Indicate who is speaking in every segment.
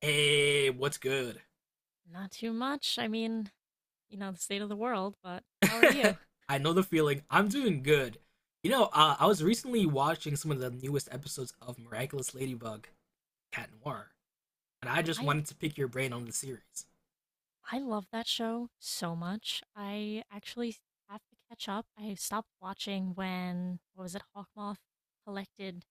Speaker 1: Hey, what's good?
Speaker 2: Not too much. The state of the world, but how are you?
Speaker 1: I know the feeling. I'm doing good. I was recently watching some of the newest episodes of Miraculous Ladybug Cat Noir, and I just
Speaker 2: I
Speaker 1: wanted to pick your brain on the series.
Speaker 2: I love that show so much. I actually have to catch up. I stopped watching when what was it, Hawkmoth collected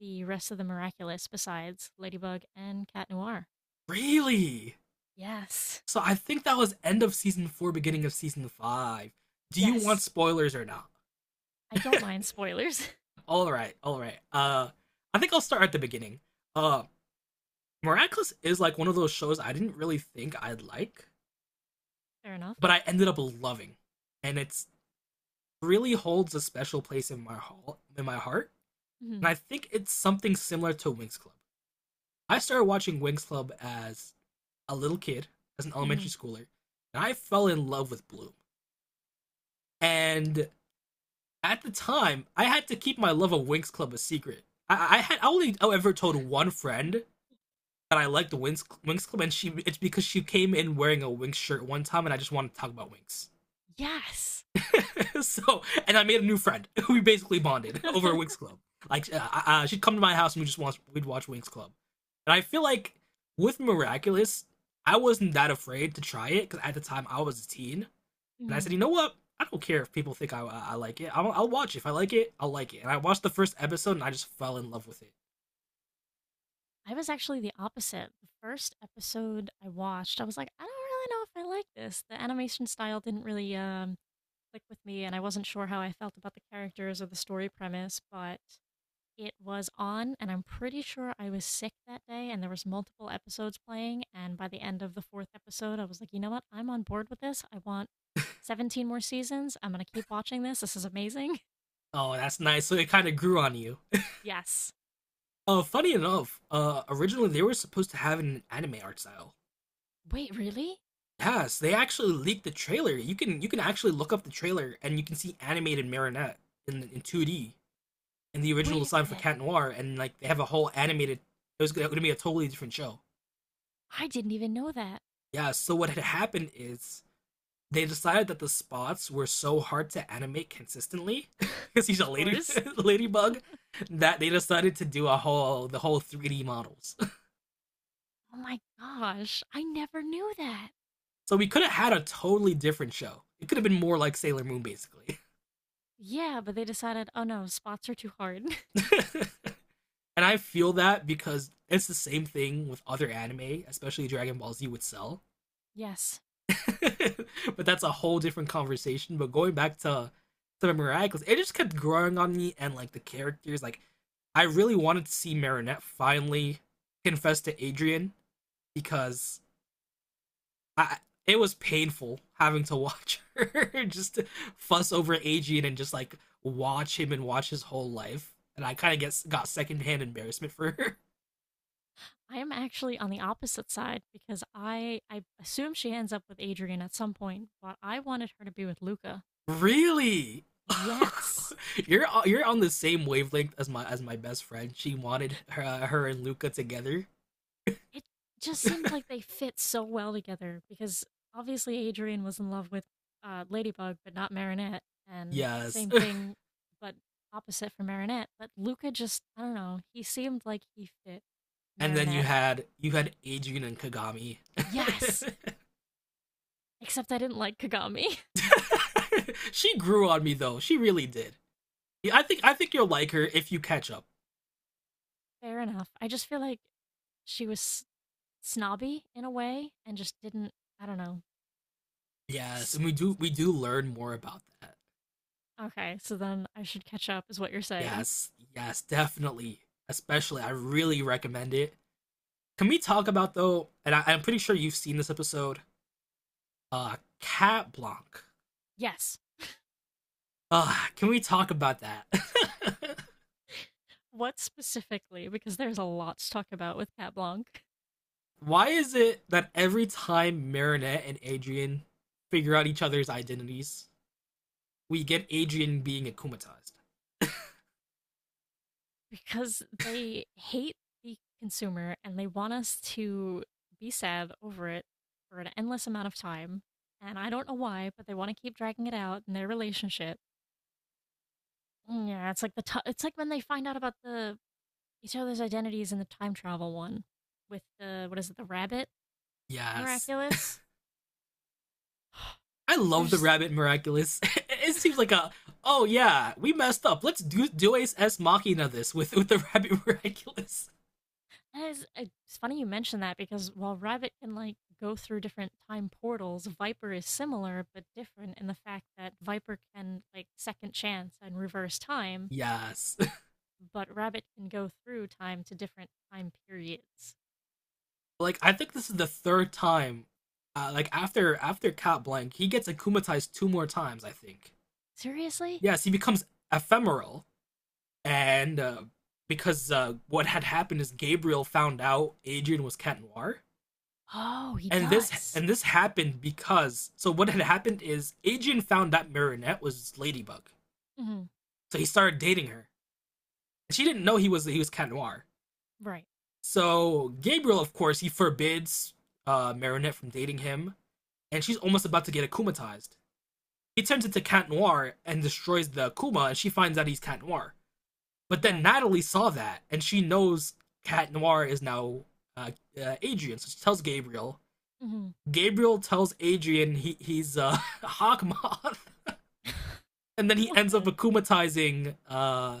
Speaker 2: the rest of the Miraculous besides Ladybug and Cat Noir.
Speaker 1: Really?
Speaker 2: Yes.
Speaker 1: So I think that was end of season 4, beginning of season 5. Do you want
Speaker 2: Yes,
Speaker 1: spoilers or not?
Speaker 2: I don't mind spoilers.
Speaker 1: All right, all right. I think I'll start at the beginning. Uh, Miraculous is like one of those shows I didn't really think I'd like,
Speaker 2: Fair enough.
Speaker 1: but I ended up loving, and it's really holds a special place in my heart, and
Speaker 2: Hmm.
Speaker 1: I think it's something similar to Wings Club. I started watching Wings Club as a little kid, as an
Speaker 2: Hmm.
Speaker 1: elementary schooler, and I fell in love with Bloom. And at the time, I had to keep my love of Wings Club a secret. I only ever told one friend that I liked the Wings Club, and she it's because she came in wearing a Wings shirt one time, and I just wanted to talk about Wings.
Speaker 2: Yes.
Speaker 1: And I made a new friend. We basically bonded over Winx Club. Like, she'd come to my house and we'd watch Winx Club. And I feel like with Miraculous, I wasn't that afraid to try it because at the time I was a teen, and I said,
Speaker 2: Mhm.
Speaker 1: you know what? I don't care if people think I like it. I'll watch it if I like it. I'll like it. And I watched the first episode and I just fell in love with it.
Speaker 2: I was actually the opposite. The first episode I watched, I was like, I don't really know if I like this. The animation style didn't really click with me, and I wasn't sure how I felt about the characters or the story premise, but it was on, and I'm pretty sure I was sick that day, and there was multiple episodes playing, and by the end of the fourth episode, I was like, you know what? I'm on board with this. I want 17 more seasons. I'm going to keep watching this. This is amazing.
Speaker 1: Oh, that's nice. So it kind of grew on you.
Speaker 2: Yes.
Speaker 1: Funny enough, originally they were supposed to have an anime art style.
Speaker 2: Wait, really?
Speaker 1: Yes, they actually leaked the trailer. You can actually look up the trailer and you can see animated Marinette in 2D in the original
Speaker 2: Wait a
Speaker 1: design for
Speaker 2: minute.
Speaker 1: Cat Noir, and like they have a whole animated. It was going to be a totally different show.
Speaker 2: I didn't even know that.
Speaker 1: Yeah. So what had happened is they decided that the spots were so hard to animate consistently because he's a
Speaker 2: Of
Speaker 1: lady
Speaker 2: course.
Speaker 1: ladybug that they decided to do a whole the whole 3D models.
Speaker 2: Oh my gosh, I never knew that.
Speaker 1: So we could have had a totally different show. It could have been more like Sailor Moon, basically.
Speaker 2: Yeah, but they decided, oh no, spots are too hard.
Speaker 1: And I feel that because it's the same thing with other anime, especially Dragon Ball Z with Cell.
Speaker 2: Yes.
Speaker 1: But that's a whole different conversation. But going back to Miracles, it just kept growing on me and like the characters. Like I really wanted to see Marinette finally confess to Adrian because I it was painful having to watch her just fuss over Adrian and just like watch him and watch his whole life. And I kind of get got secondhand embarrassment for her.
Speaker 2: I am actually on the opposite side because I assume she ends up with Adrian at some point, but I wanted her to be with Luca.
Speaker 1: Really?
Speaker 2: Yes.
Speaker 1: You're on the same wavelength as my best friend. She wanted her and Luca together.
Speaker 2: It just seemed like they fit so well together because obviously Adrian was in love with Ladybug but not Marinette, and
Speaker 1: Yes.
Speaker 2: same thing but opposite for Marinette, but Luca just, I don't know, he seemed like he fit
Speaker 1: And then you
Speaker 2: Marinette.
Speaker 1: had you had Adrian and Kagami.
Speaker 2: Yes. Except I didn't like Kagami.
Speaker 1: She grew on me though. She really did. Yeah, I think you'll like her if you catch up.
Speaker 2: Fair enough. I just feel like she was snobby in a way and just didn't, I don't know.
Speaker 1: Yes, and we do learn more about that.
Speaker 2: Okay, so then I should catch up, is what you're saying.
Speaker 1: Yes, yes, definitely. Especially, I really recommend it. Can we talk about though? And I'm pretty sure you've seen this episode, Cat Blanc.
Speaker 2: Yes.
Speaker 1: Can we talk about that?
Speaker 2: What specifically? Because there's a lot to talk about with Cat Blanc.
Speaker 1: Why is it that every time Marinette and Adrian figure out each other's identities, we get Adrian being akumatized?
Speaker 2: Because they hate the consumer and they want us to be sad over it for an endless amount of time. And I don't know why, but they want to keep dragging it out in their relationship. Yeah, it's like it's like when they find out about the each other's identities in the time travel one with the, what is it, the rabbit
Speaker 1: Yes.
Speaker 2: miraculous.
Speaker 1: I
Speaker 2: Like
Speaker 1: love the
Speaker 2: there's,
Speaker 1: Rabbit Miraculous. It seems like a, oh yeah, we messed up. Let's do Dues S Machina this with the Rabbit Miraculous.
Speaker 2: and it's, funny you mention that because while rabbit can like go through different time portals, viper is similar but different in the fact that viper can like second chance and reverse time,
Speaker 1: Yes.
Speaker 2: but rabbit can go through time to different time periods.
Speaker 1: Like I think this is the third time, like after Cat Blanc, he gets akumatized two more times, I think.
Speaker 2: Seriously?
Speaker 1: Yes, he becomes Ephemeral, and because what had happened is Gabriel found out Adrian was Cat Noir,
Speaker 2: Oh, he
Speaker 1: and this
Speaker 2: does?
Speaker 1: and this happened because, so what had happened is Adrian found out Marinette was Ladybug,
Speaker 2: Hmm.
Speaker 1: so he started dating her, and she didn't know he was Cat Noir.
Speaker 2: Right.
Speaker 1: So Gabriel, of course, he forbids Marinette from dating him, and she's almost about to get akumatized. He turns into Cat Noir and destroys the Akuma, and she finds out he's Cat Noir. But then
Speaker 2: Right.
Speaker 1: Natalie saw that, and she knows Cat Noir is now uh, Adrian, so she tells Gabriel.
Speaker 2: Hmm.
Speaker 1: Gabriel tells Adrian he's Hawkmoth, and then he ends up akumatizing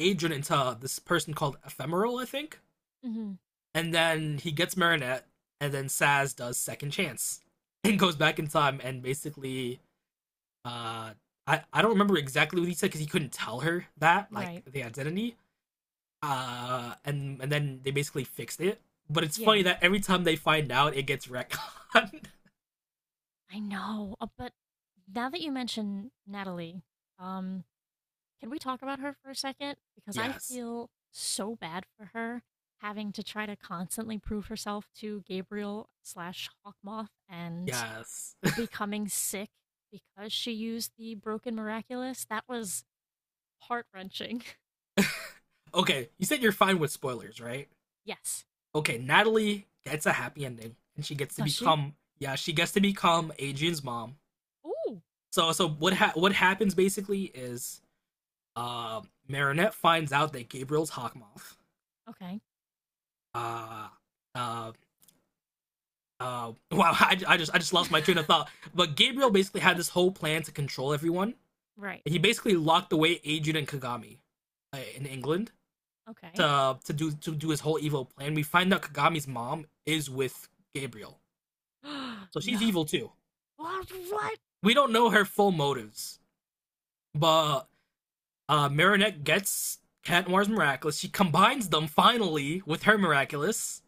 Speaker 1: Adrian into this person called Ephemeral, I think.
Speaker 2: Hmm.
Speaker 1: And then he gets Marinette, and then Saz does Second Chance and goes back in time and basically uh, I don't remember exactly what he said because he couldn't tell her that, like
Speaker 2: Right.
Speaker 1: the identity. And then they basically fixed it. But it's funny
Speaker 2: Yeah,
Speaker 1: that every time they find out, it gets retconned.
Speaker 2: I know, but now that you mention Natalie, um, can we talk about her for a second? Because I
Speaker 1: Yes,
Speaker 2: feel so bad for her having to try to constantly prove herself to Gabriel slash Hawkmoth, and
Speaker 1: yes.
Speaker 2: becoming sick because she used the broken miraculous. That was heart wrenching.
Speaker 1: Okay, you said you're fine with spoilers, right?
Speaker 2: Yes.
Speaker 1: Okay, Natalie gets a happy ending, and she gets to
Speaker 2: Does she?
Speaker 1: become, yeah, she gets to become Adrian's mom.
Speaker 2: Ooh.
Speaker 1: So what what happens basically is uh, Marinette finds out that Gabriel's Hawkmoth.
Speaker 2: Okay.
Speaker 1: Uh, uh, wow, I just lost my train of thought. But Gabriel basically had this whole plan to control everyone.
Speaker 2: Right.
Speaker 1: He basically locked away Ajun and Kagami in England
Speaker 2: Okay.
Speaker 1: to do his whole evil plan. We find out Kagami's mom is with Gabriel, so
Speaker 2: No.
Speaker 1: she's evil too.
Speaker 2: What? What?
Speaker 1: We don't know her full motives, but Marinette gets Cat Noir's miraculous. She combines them finally with her miraculous,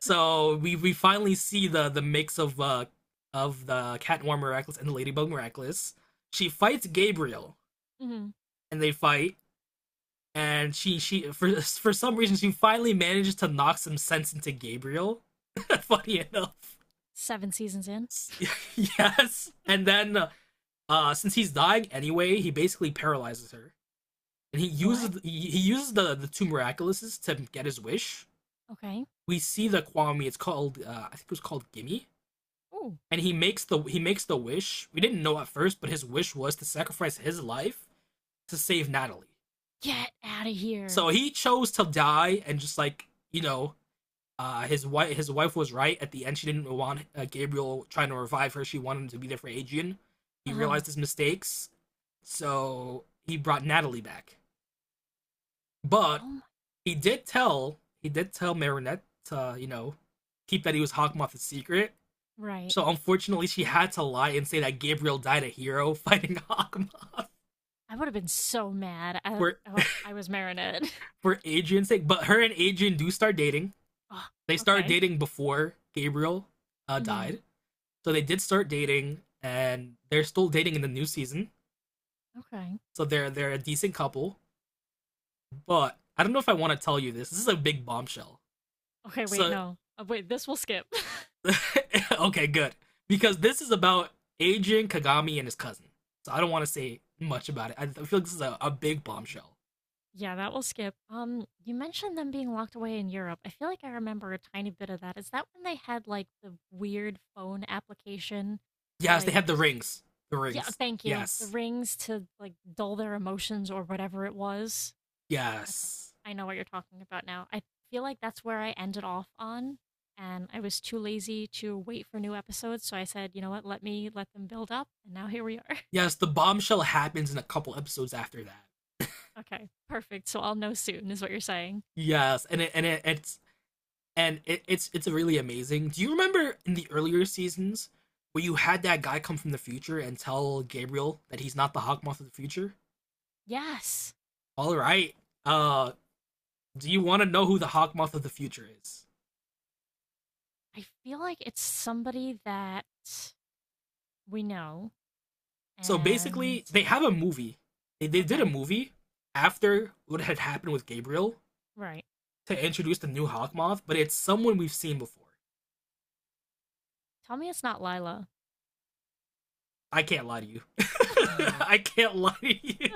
Speaker 1: so we finally see the mix of of the Cat Noir Miraculous and the Ladybug Miraculous. She fights Gabriel,
Speaker 2: Mhm.
Speaker 1: and they fight. And she for some reason she finally manages to knock some sense into Gabriel. Funny enough,
Speaker 2: Seven seasons in.
Speaker 1: yes. And then since he's dying anyway, he basically paralyzes her, and he
Speaker 2: What?
Speaker 1: uses he, he uses the two miraculouses to get his wish.
Speaker 2: Okay.
Speaker 1: We see the Kwame. It's called I think it was called Gimme,
Speaker 2: Oh,
Speaker 1: and he makes the wish. We didn't know at first, but his wish was to sacrifice his life to save Natalie.
Speaker 2: get out of
Speaker 1: So
Speaker 2: here.
Speaker 1: he chose to die and just like you know his wife was right. At the end, she didn't want Gabriel trying to revive her. She wanted him to be there for Adrian. He
Speaker 2: Uh huh.
Speaker 1: realized his mistakes, so he brought Natalie back.
Speaker 2: Oh
Speaker 1: But
Speaker 2: my gosh.
Speaker 1: he did tell Marinette to keep that he was Hawkmoth a secret.
Speaker 2: Right.
Speaker 1: So unfortunately, she had to lie and say that Gabriel died a hero fighting Hawkmoth
Speaker 2: I would have been so mad. I,
Speaker 1: for
Speaker 2: oh, I was marinated.
Speaker 1: for Adrian's sake. But her and Adrian do start dating.
Speaker 2: Oh,
Speaker 1: They started
Speaker 2: okay.
Speaker 1: dating before Gabriel
Speaker 2: Hmm.
Speaker 1: died. So they did start dating, and they're still dating in the new season.
Speaker 2: Okay.
Speaker 1: So they're a decent couple. But I don't know if I want to tell you this. This is a big bombshell.
Speaker 2: Okay. Wait.
Speaker 1: So
Speaker 2: No. Wait. This will skip.
Speaker 1: okay, good, because this is about Agent Kagami and his cousin. So I don't want to say much about it. I feel like this is a big bombshell.
Speaker 2: Yeah, that will skip. You mentioned them being locked away in Europe. I feel like I remember a tiny bit of that. Is that when they had like the weird phone application? But
Speaker 1: Yes, they
Speaker 2: like,
Speaker 1: had the rings. The
Speaker 2: yeah.
Speaker 1: rings.
Speaker 2: Thank you. The
Speaker 1: Yes.
Speaker 2: rings to like dull their emotions or whatever it was. Okay.
Speaker 1: Yes.
Speaker 2: I know what you're talking about now. I feel like that's where I ended off on, and I was too lazy to wait for new episodes, so I said, "You know what? Let me let them build up." And now here we are.
Speaker 1: Yes, the bombshell happens in a couple episodes after that.
Speaker 2: Okay. Perfect. So I'll know soon is what you're saying.
Speaker 1: Yes, and it, it's really amazing. Do you remember in the earlier seasons where you had that guy come from the future and tell Gabriel that he's not the Hawkmoth of the future?
Speaker 2: Yes.
Speaker 1: All right. Uh, do you want to know who the Hawkmoth of the future is?
Speaker 2: I feel like it's somebody that we know
Speaker 1: So
Speaker 2: and
Speaker 1: basically, they have a movie. They did a
Speaker 2: okay.
Speaker 1: movie after what had happened with Gabriel
Speaker 2: Right.
Speaker 1: to introduce the new Hawkmoth, but it's someone we've seen before.
Speaker 2: Tell me it's not Lila.
Speaker 1: I can't lie to you.
Speaker 2: I
Speaker 1: I can't lie to you.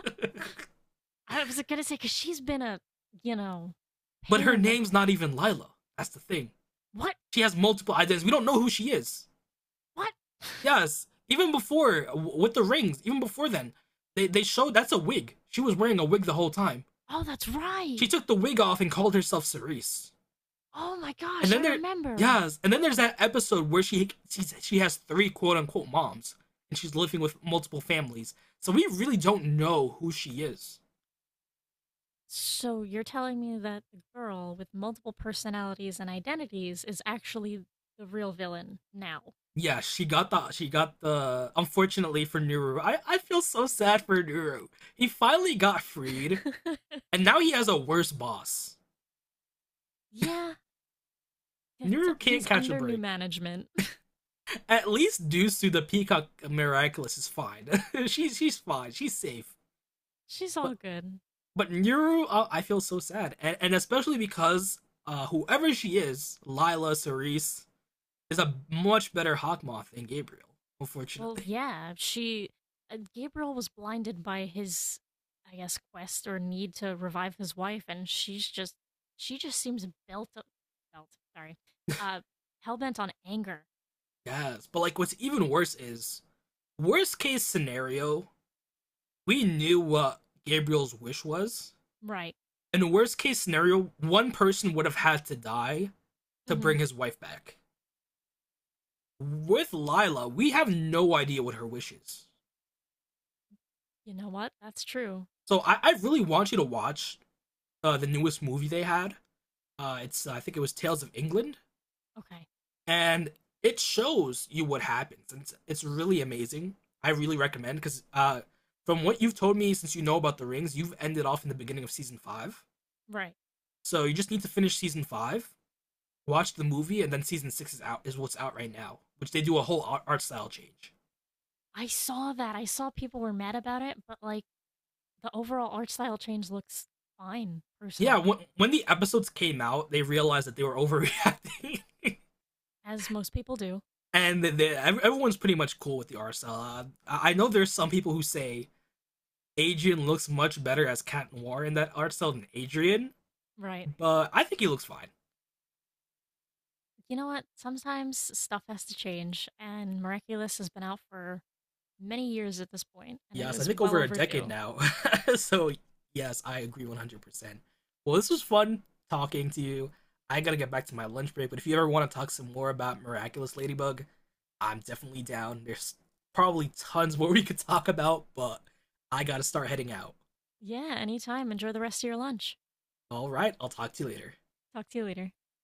Speaker 2: was going to say cuz she's been a, you know,
Speaker 1: But
Speaker 2: pain
Speaker 1: her
Speaker 2: in the—
Speaker 1: name's not even Lila. That's the thing.
Speaker 2: What?
Speaker 1: She has multiple identities. We don't know who she is.
Speaker 2: What?
Speaker 1: Yes, even before with the rings, even before then, they showed that's a wig. She was wearing a wig the whole time.
Speaker 2: Oh, that's right.
Speaker 1: She took the wig off and called herself Cerise.
Speaker 2: Oh my
Speaker 1: And
Speaker 2: gosh, I
Speaker 1: then there,
Speaker 2: remember.
Speaker 1: yes, and then there's that episode where she has three quote unquote moms, and she's living with multiple families. So we really don't know who she is.
Speaker 2: So you're telling me that the girl with multiple personalities and identities is actually the real villain now.
Speaker 1: Yeah, she got the unfortunately for Nuru. I feel so sad for Nuru. He finally got freed, and now he has a worse boss.
Speaker 2: Yeah,
Speaker 1: Nuru
Speaker 2: it's-
Speaker 1: can't
Speaker 2: he's
Speaker 1: catch a
Speaker 2: under new
Speaker 1: break.
Speaker 2: management.
Speaker 1: At least Dusu the Peacock Miraculous is fine. She's fine. She's safe.
Speaker 2: She's all
Speaker 1: But
Speaker 2: good.
Speaker 1: but Nuru, I feel so sad, and especially because whoever she is, Lila Cerise, is a much better Hawkmoth than Gabriel.
Speaker 2: Well,
Speaker 1: Unfortunately,
Speaker 2: yeah, she. Gabriel was blinded by his, I guess, quest or need to revive his wife, and she's just. She just seems built Up, belt, sorry. Uh, hellbent on anger.
Speaker 1: yes. But like, what's even worse is worst case scenario, we knew what Gabriel's wish was.
Speaker 2: Right.
Speaker 1: In worst case scenario, one person would have had to die
Speaker 2: Mm
Speaker 1: to
Speaker 2: hmm.
Speaker 1: bring his wife back. With Lila, we have no idea what her wish is.
Speaker 2: You know what? That's true.
Speaker 1: So I really want you to watch the newest movie they had. It's I think it was Tales of England,
Speaker 2: Okay.
Speaker 1: and it shows you what happens. It's really amazing. I really recommend because from what you've told me since you know about the rings, you've ended off in the beginning of season 5.
Speaker 2: Right.
Speaker 1: So you just need to finish season 5, watch the movie, and then season 6 is out is what's out right now, which they do a whole art style change.
Speaker 2: I saw that. I saw people were mad about it, but like the overall art style change looks fine,
Speaker 1: Yeah,
Speaker 2: personally,
Speaker 1: when the episodes came out, they realized that they were overreacting,
Speaker 2: as most people do.
Speaker 1: and that everyone's pretty much cool with the RSL. I know there's some people who say Adrian looks much better as Cat Noir in that art style than Adrian,
Speaker 2: Right.
Speaker 1: but I think he looks fine.
Speaker 2: You know what? Sometimes stuff has to change, and Miraculous has been out for many years at this point, and it
Speaker 1: Yes, I
Speaker 2: was
Speaker 1: think
Speaker 2: well
Speaker 1: over a decade
Speaker 2: overdue.
Speaker 1: now. So, yes, I agree 100%. Well, this was fun talking to you. I gotta get back to my lunch break, but if you ever want to talk some more about Miraculous Ladybug, I'm definitely down. There's probably tons more we could talk about, but I gotta start heading out.
Speaker 2: Yeah, anytime. Enjoy the rest of your lunch.
Speaker 1: All right, I'll talk to you later.
Speaker 2: Talk to you later.